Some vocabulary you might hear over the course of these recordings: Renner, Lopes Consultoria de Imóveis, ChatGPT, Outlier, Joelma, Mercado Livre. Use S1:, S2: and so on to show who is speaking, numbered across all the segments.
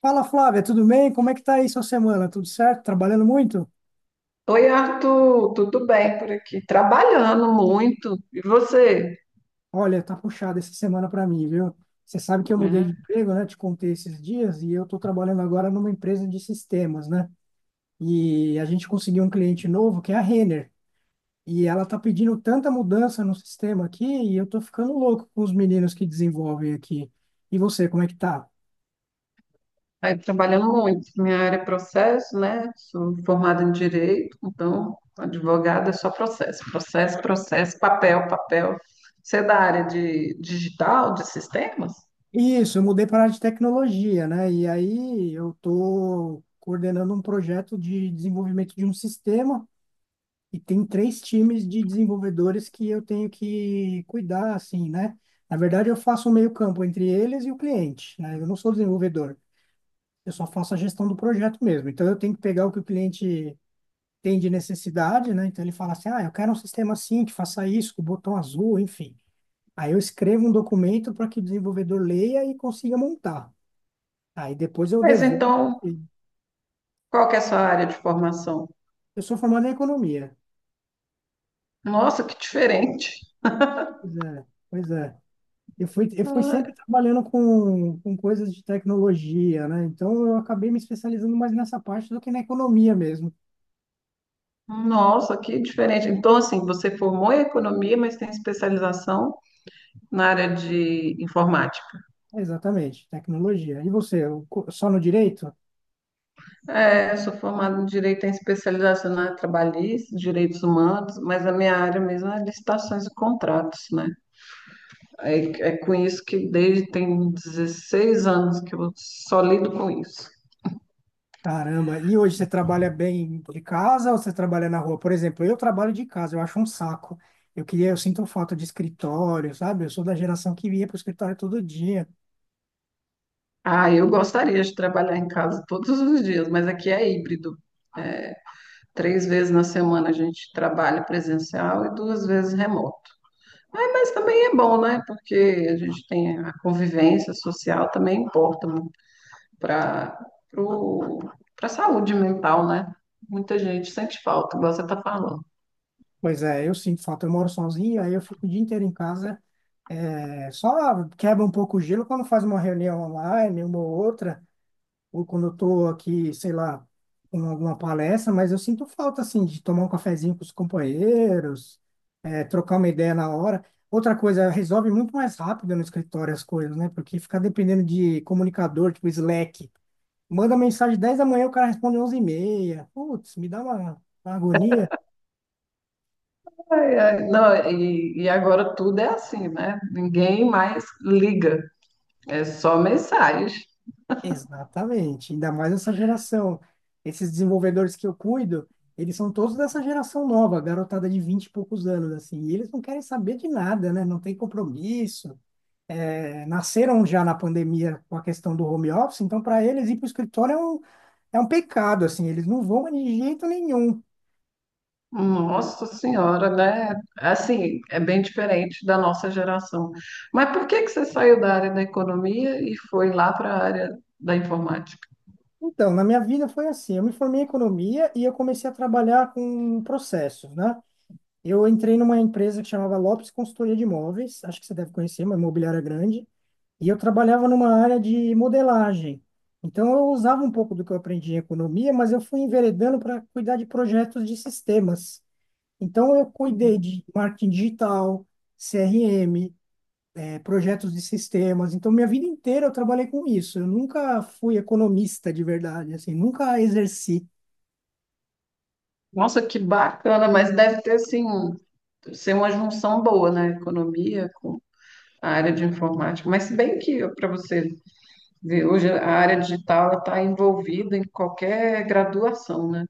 S1: Fala Flávia, tudo bem? Como é que tá aí sua semana? Tudo certo? Trabalhando muito?
S2: Oi, Arthur, tudo bem por aqui? Trabalhando muito. E você?
S1: Olha, tá puxada essa semana para mim, viu? Você sabe que eu mudei de
S2: É,
S1: emprego, né? Te contei esses dias e eu tô trabalhando agora numa empresa de sistemas, né? E a gente conseguiu um cliente novo que é a Renner. E ela tá pedindo tanta mudança no sistema aqui e eu tô ficando louco com os meninos que desenvolvem aqui. E você, como é que tá?
S2: aí trabalhando muito. Minha área é processo, né? Sou formada em direito, então advogada é só processo, processo, processo, papel, papel. Você é da área de digital, de sistemas?
S1: Isso, eu mudei para a área de tecnologia, né? E aí eu estou coordenando um projeto de desenvolvimento de um sistema. E tem três times de desenvolvedores que eu tenho que cuidar, assim, né? Na verdade, eu faço um meio-campo entre eles e o cliente, né? Eu não sou desenvolvedor, eu só faço a gestão do projeto mesmo. Então, eu tenho que pegar o que o cliente tem de necessidade, né? Então, ele fala assim: ah, eu quero um sistema assim, que faça isso, com o botão azul, enfim. Aí, eu escrevo um documento para que o desenvolvedor leia e consiga montar. Aí, depois, eu
S2: Mas
S1: devolvo.
S2: então,
S1: Eu
S2: qual que é a sua área de formação?
S1: sou formado em economia.
S2: Nossa, que diferente.
S1: Pois é, pois é. Eu fui sempre
S2: Ah,
S1: trabalhando com coisas de tecnologia, né? Então eu acabei me especializando mais nessa parte do que na economia mesmo.
S2: nossa, que diferente. Então, assim, você formou em economia, mas tem especialização na área de informática.
S1: Exatamente, tecnologia. E você, o co- só no direito?
S2: É, eu sou formada em direito em especialização na área trabalhista, direitos humanos, mas a minha área mesmo é licitações e contratos, né? É, é com isso que desde tem 16 anos que eu só lido com isso.
S1: Caramba, e hoje você trabalha bem de casa ou você trabalha na rua? Por exemplo, eu trabalho de casa, eu acho um saco. Eu queria, eu sinto falta de escritório, sabe? Eu sou da geração que ia para o escritório todo dia.
S2: Ah, eu gostaria de trabalhar em casa todos os dias, mas aqui é híbrido. É, três vezes na semana a gente trabalha presencial e duas vezes remoto. Ah, mas também é bom, né? Porque a gente tem a convivência social, também importa para para saúde mental, né? Muita gente sente falta, igual você está falando.
S1: Pois é, eu sinto falta. Eu moro sozinho, aí eu fico o dia inteiro em casa. É, só quebra um pouco o gelo quando faz uma reunião online, uma ou outra, ou quando eu tô aqui, sei lá, com alguma palestra, mas eu sinto falta, assim, de tomar um cafezinho com os companheiros, é, trocar uma ideia na hora. Outra coisa, resolve muito mais rápido no escritório as coisas, né? Porque ficar dependendo de comunicador, tipo Slack. Manda mensagem 10h da manhã, o cara responde 11h30. Putz, me dá uma agonia.
S2: Ai, ai, não, e agora tudo é assim, né? Ninguém mais liga, é só mensagem.
S1: Exatamente, ainda mais essa geração. Esses desenvolvedores que eu cuido, eles são todos dessa geração nova, garotada de 20 e poucos anos, assim, e eles não querem saber de nada, né? Não tem compromisso. É, nasceram já na pandemia com a questão do home office, então para eles ir para o escritório é um pecado, assim, eles não vão de jeito nenhum.
S2: Nossa Senhora, né? Assim, é bem diferente da nossa geração. Mas por que que você saiu da área da economia e foi lá para a área da informática?
S1: Então, na minha vida foi assim, eu me formei em economia e eu comecei a trabalhar com processos, né? Eu entrei numa empresa que chamava Lopes Consultoria de Imóveis, acho que você deve conhecer, uma imobiliária grande, e eu trabalhava numa área de modelagem. Então, eu usava um pouco do que eu aprendi em economia, mas eu fui enveredando para cuidar de projetos de sistemas. Então, eu cuidei de marketing digital, CRM, projetos de sistemas. Então, minha vida inteira eu trabalhei com isso. Eu nunca fui economista de verdade, assim, nunca exerci.
S2: Nossa, que bacana, mas deve ter, assim, ser uma junção boa, né? Economia a área de informática. Mas se bem que, para você ver, hoje a área digital está envolvida em qualquer graduação, né?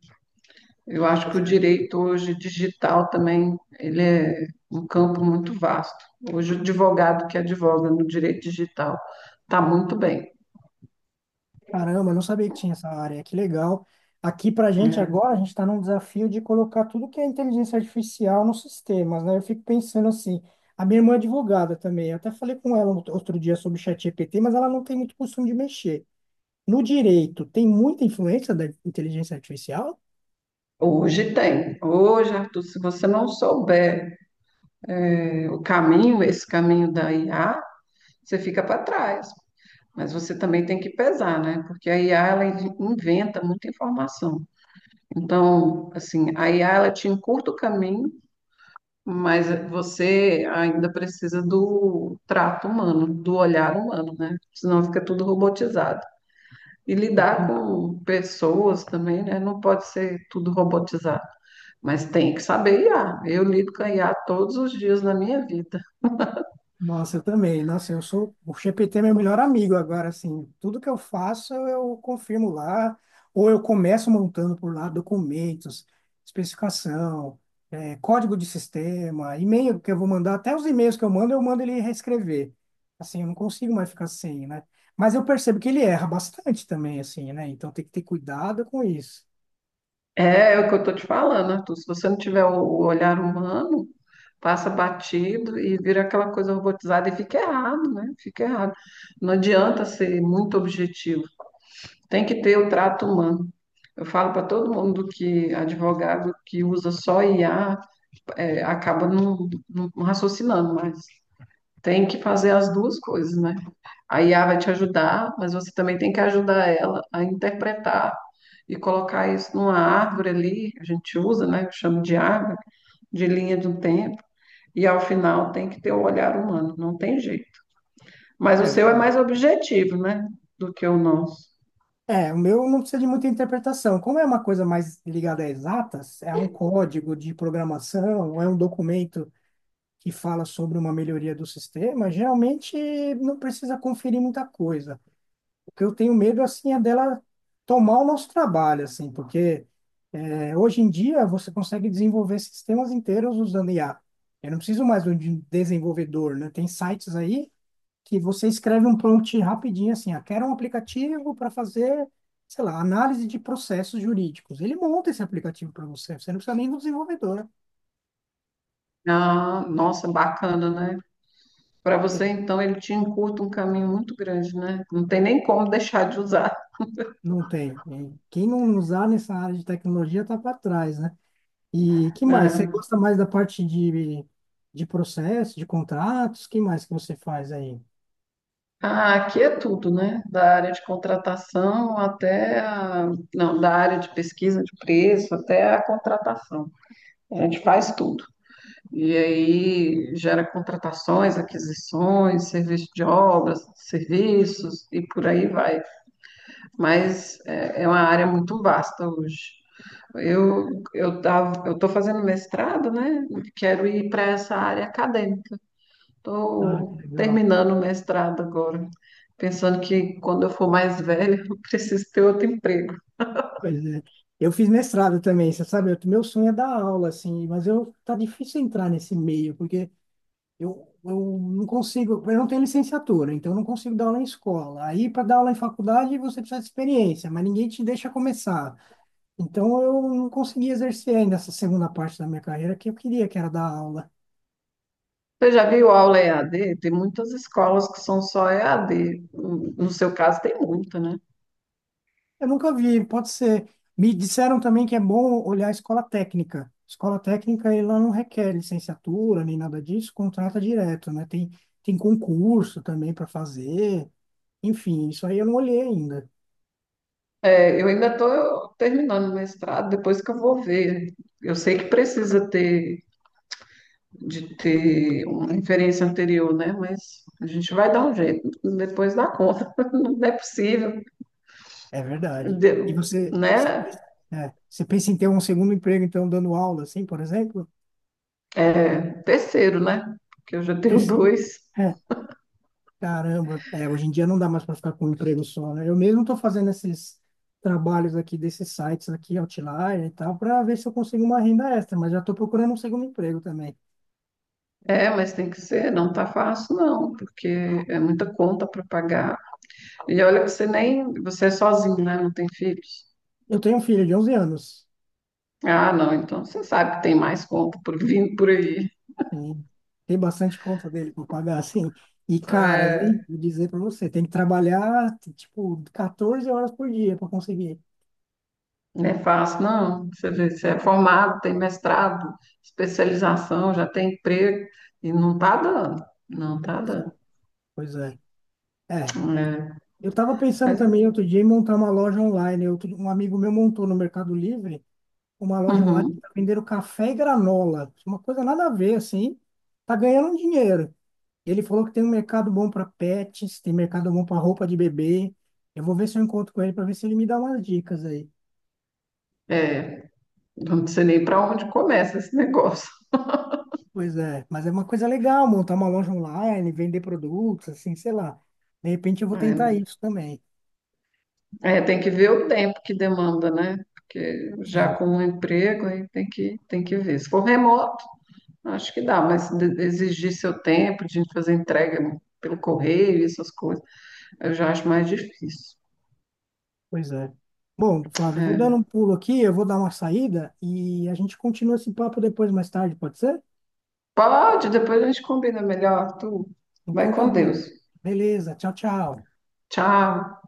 S2: Eu acho que
S1: Pois
S2: o
S1: é.
S2: direito hoje digital também, ele é um campo muito vasto. Hoje o advogado que advoga no direito digital está muito bem.
S1: Caramba, eu não sabia que tinha essa área. Que legal. Aqui pra gente
S2: Né?
S1: agora, a gente está num desafio de colocar tudo que é inteligência artificial nos sistemas, né? Eu fico pensando assim, a minha irmã é advogada também. Eu até falei com ela outro dia sobre o ChatGPT, mas ela não tem muito costume de mexer. No direito, tem muita influência da inteligência artificial?
S2: Hoje tem. Hoje, Arthur, se você não souber o caminho, esse caminho da IA, você fica para trás. Mas você também tem que pesar, né? Porque a IA, ela inventa muita informação. Então, assim, a IA ela te encurta o caminho, mas você ainda precisa do trato humano, do olhar humano, né? Senão fica tudo robotizado. E lidar com pessoas também, né? Não pode ser tudo robotizado, mas tem que saber IA. Eu lido com a IA todos os dias na minha vida.
S1: Nossa, eu também. Nossa, eu sou. O GPT é meu melhor amigo agora, assim. Tudo que eu faço, eu confirmo lá. Ou eu começo montando por lá documentos, especificação, código de sistema, e-mail que eu vou mandar. Até os e-mails que eu mando ele reescrever. Assim, eu não consigo mais ficar sem, né? Mas eu percebo que ele erra bastante também, assim, né? Então tem que ter cuidado com isso.
S2: É, é o que eu estou te falando, Arthur. Se você não tiver o olhar humano, passa batido e vira aquela coisa robotizada e fica errado, né? Fica errado. Não adianta ser muito objetivo. Tem que ter o trato humano. Eu falo para todo mundo que advogado que usa só IA é, acaba não, não raciocinando, mas tem que fazer as duas coisas, né? A IA vai te ajudar, mas você também tem que ajudar ela a interpretar e colocar isso numa árvore ali, que a gente usa, né? Eu chamo de árvore, de linha do tempo. E ao final tem que ter o olhar humano, não tem jeito. Mas o
S1: É
S2: seu é
S1: verdade.
S2: mais objetivo, né? Do que o nosso.
S1: É, o meu não precisa de muita interpretação. Como é uma coisa mais ligada a exatas, é um código de programação, ou é um documento que fala sobre uma melhoria do sistema, geralmente não precisa conferir muita coisa. O que eu tenho medo, assim, é dela tomar o nosso trabalho, assim, porque é, hoje em dia você consegue desenvolver sistemas inteiros usando IA. Eu não preciso mais de um desenvolvedor, né? Tem sites aí que você escreve um prompt rapidinho assim, ah, quero um aplicativo para fazer, sei lá, análise de processos jurídicos. Ele monta esse aplicativo para você, você não precisa nem do desenvolvedor.
S2: Ah, nossa, bacana, né? Para
S1: É,
S2: você, então, ele te encurta um caminho muito grande, né? Não tem nem como deixar de usar.
S1: não tem, né? Quem não usar nessa área de tecnologia está para trás, né? E que mais? Você
S2: Né?
S1: gosta mais da parte de processo, de contratos? Que mais que você faz aí?
S2: Ah, aqui é tudo, né? Da área de contratação até a. Não, da área de pesquisa de preço até a contratação. A gente faz tudo. E aí gera contratações, aquisições, serviço de obras, serviços e por aí vai. Mas é uma área muito vasta hoje. Eu eu estou fazendo mestrado, né? Quero ir para essa área acadêmica.
S1: Ah, que
S2: Estou
S1: legal.
S2: terminando o mestrado agora, pensando que quando eu for mais velha, eu preciso ter outro emprego.
S1: Pois é. Eu fiz mestrado também, você sabe, eu- meu sonho é dar aula, assim, mas eu tá difícil entrar nesse meio, porque eu não consigo, eu não tenho licenciatura, então eu não consigo dar aula em escola. Aí, para dar aula em faculdade, você precisa de experiência, mas ninguém te deixa começar. Então, eu não consegui exercer ainda essa segunda parte da minha carreira que eu queria, que era dar aula.
S2: Você já viu aula EAD? Tem muitas escolas que são só EAD. No seu caso, tem muita, né?
S1: Eu nunca vi, pode ser. Me disseram também que é bom olhar a escola técnica. Escola técnica, ela não requer licenciatura nem nada disso, contrata direto, né? Tem, tem concurso também para fazer. Enfim, isso aí eu não olhei ainda.
S2: É, eu ainda estou terminando o mestrado, depois que eu vou ver. Eu sei que precisa ter de ter uma referência anterior, né? Mas a gente vai dar um jeito, depois dá conta. Não é possível,
S1: É verdade. E
S2: de-
S1: você, você,
S2: né?
S1: é, você pensa em ter um segundo emprego, então, dando aula, assim, por exemplo?
S2: É, terceiro, né? Porque eu já tenho
S1: Esse-
S2: dois.
S1: É, caramba, é, hoje em dia não dá mais para ficar com um emprego só, né? Eu mesmo estou fazendo esses trabalhos aqui desses sites aqui, Outlier e tal, para ver se eu consigo uma renda extra, mas já estou procurando um segundo emprego também.
S2: É, mas tem que ser, não tá fácil não, porque é muita conta para pagar. E olha que você nem, você é sozinho, né? Não tem filhos.
S1: Eu tenho um filho de 11 anos,
S2: Ah, não, então você sabe que tem mais conta por vindo por aí.
S1: sim, tem bastante conta dele para pagar, assim, e caras,
S2: É,
S1: hein? Vou dizer para você, tem que trabalhar, tipo, 14 horas por dia para conseguir.
S2: não é fácil, não. Você vê, você é formado, tem mestrado, especialização, já tem emprego e não tá dando. Não tá
S1: Pois
S2: dando.
S1: é. Pois é. É,
S2: É,
S1: eu estava pensando
S2: mas é,
S1: também outro dia em montar uma loja online. Um amigo meu montou no Mercado Livre uma loja online
S2: uhum,
S1: para vender café e granola. Uma coisa nada a ver, assim. Tá ganhando um dinheiro. Ele falou que tem um mercado bom para pets, tem mercado bom para roupa de bebê. Eu vou ver se eu encontro com ele para ver se ele me dá umas dicas aí.
S2: é, não sei nem para onde começa esse negócio.
S1: Pois é, mas é uma coisa legal montar uma loja online, vender produtos, assim, sei lá. De repente eu vou tentar
S2: É.
S1: isso também.
S2: É, tem que ver o tempo que demanda, né? Porque já
S1: Sim.
S2: com o emprego aí tem que ver. Se for remoto, acho que dá, mas exigir seu tempo de fazer entrega pelo correio e essas coisas, eu já acho mais difícil.
S1: Pois é. Bom, Flávio, eu vou dando
S2: É.
S1: um pulo aqui, eu vou dar uma saída e a gente continua esse papo depois, mais tarde, pode ser?
S2: Pode, depois a gente combina melhor. Tu vai
S1: Então tá
S2: com
S1: bom.
S2: Deus.
S1: Beleza, tchau, tchau.
S2: Tchau.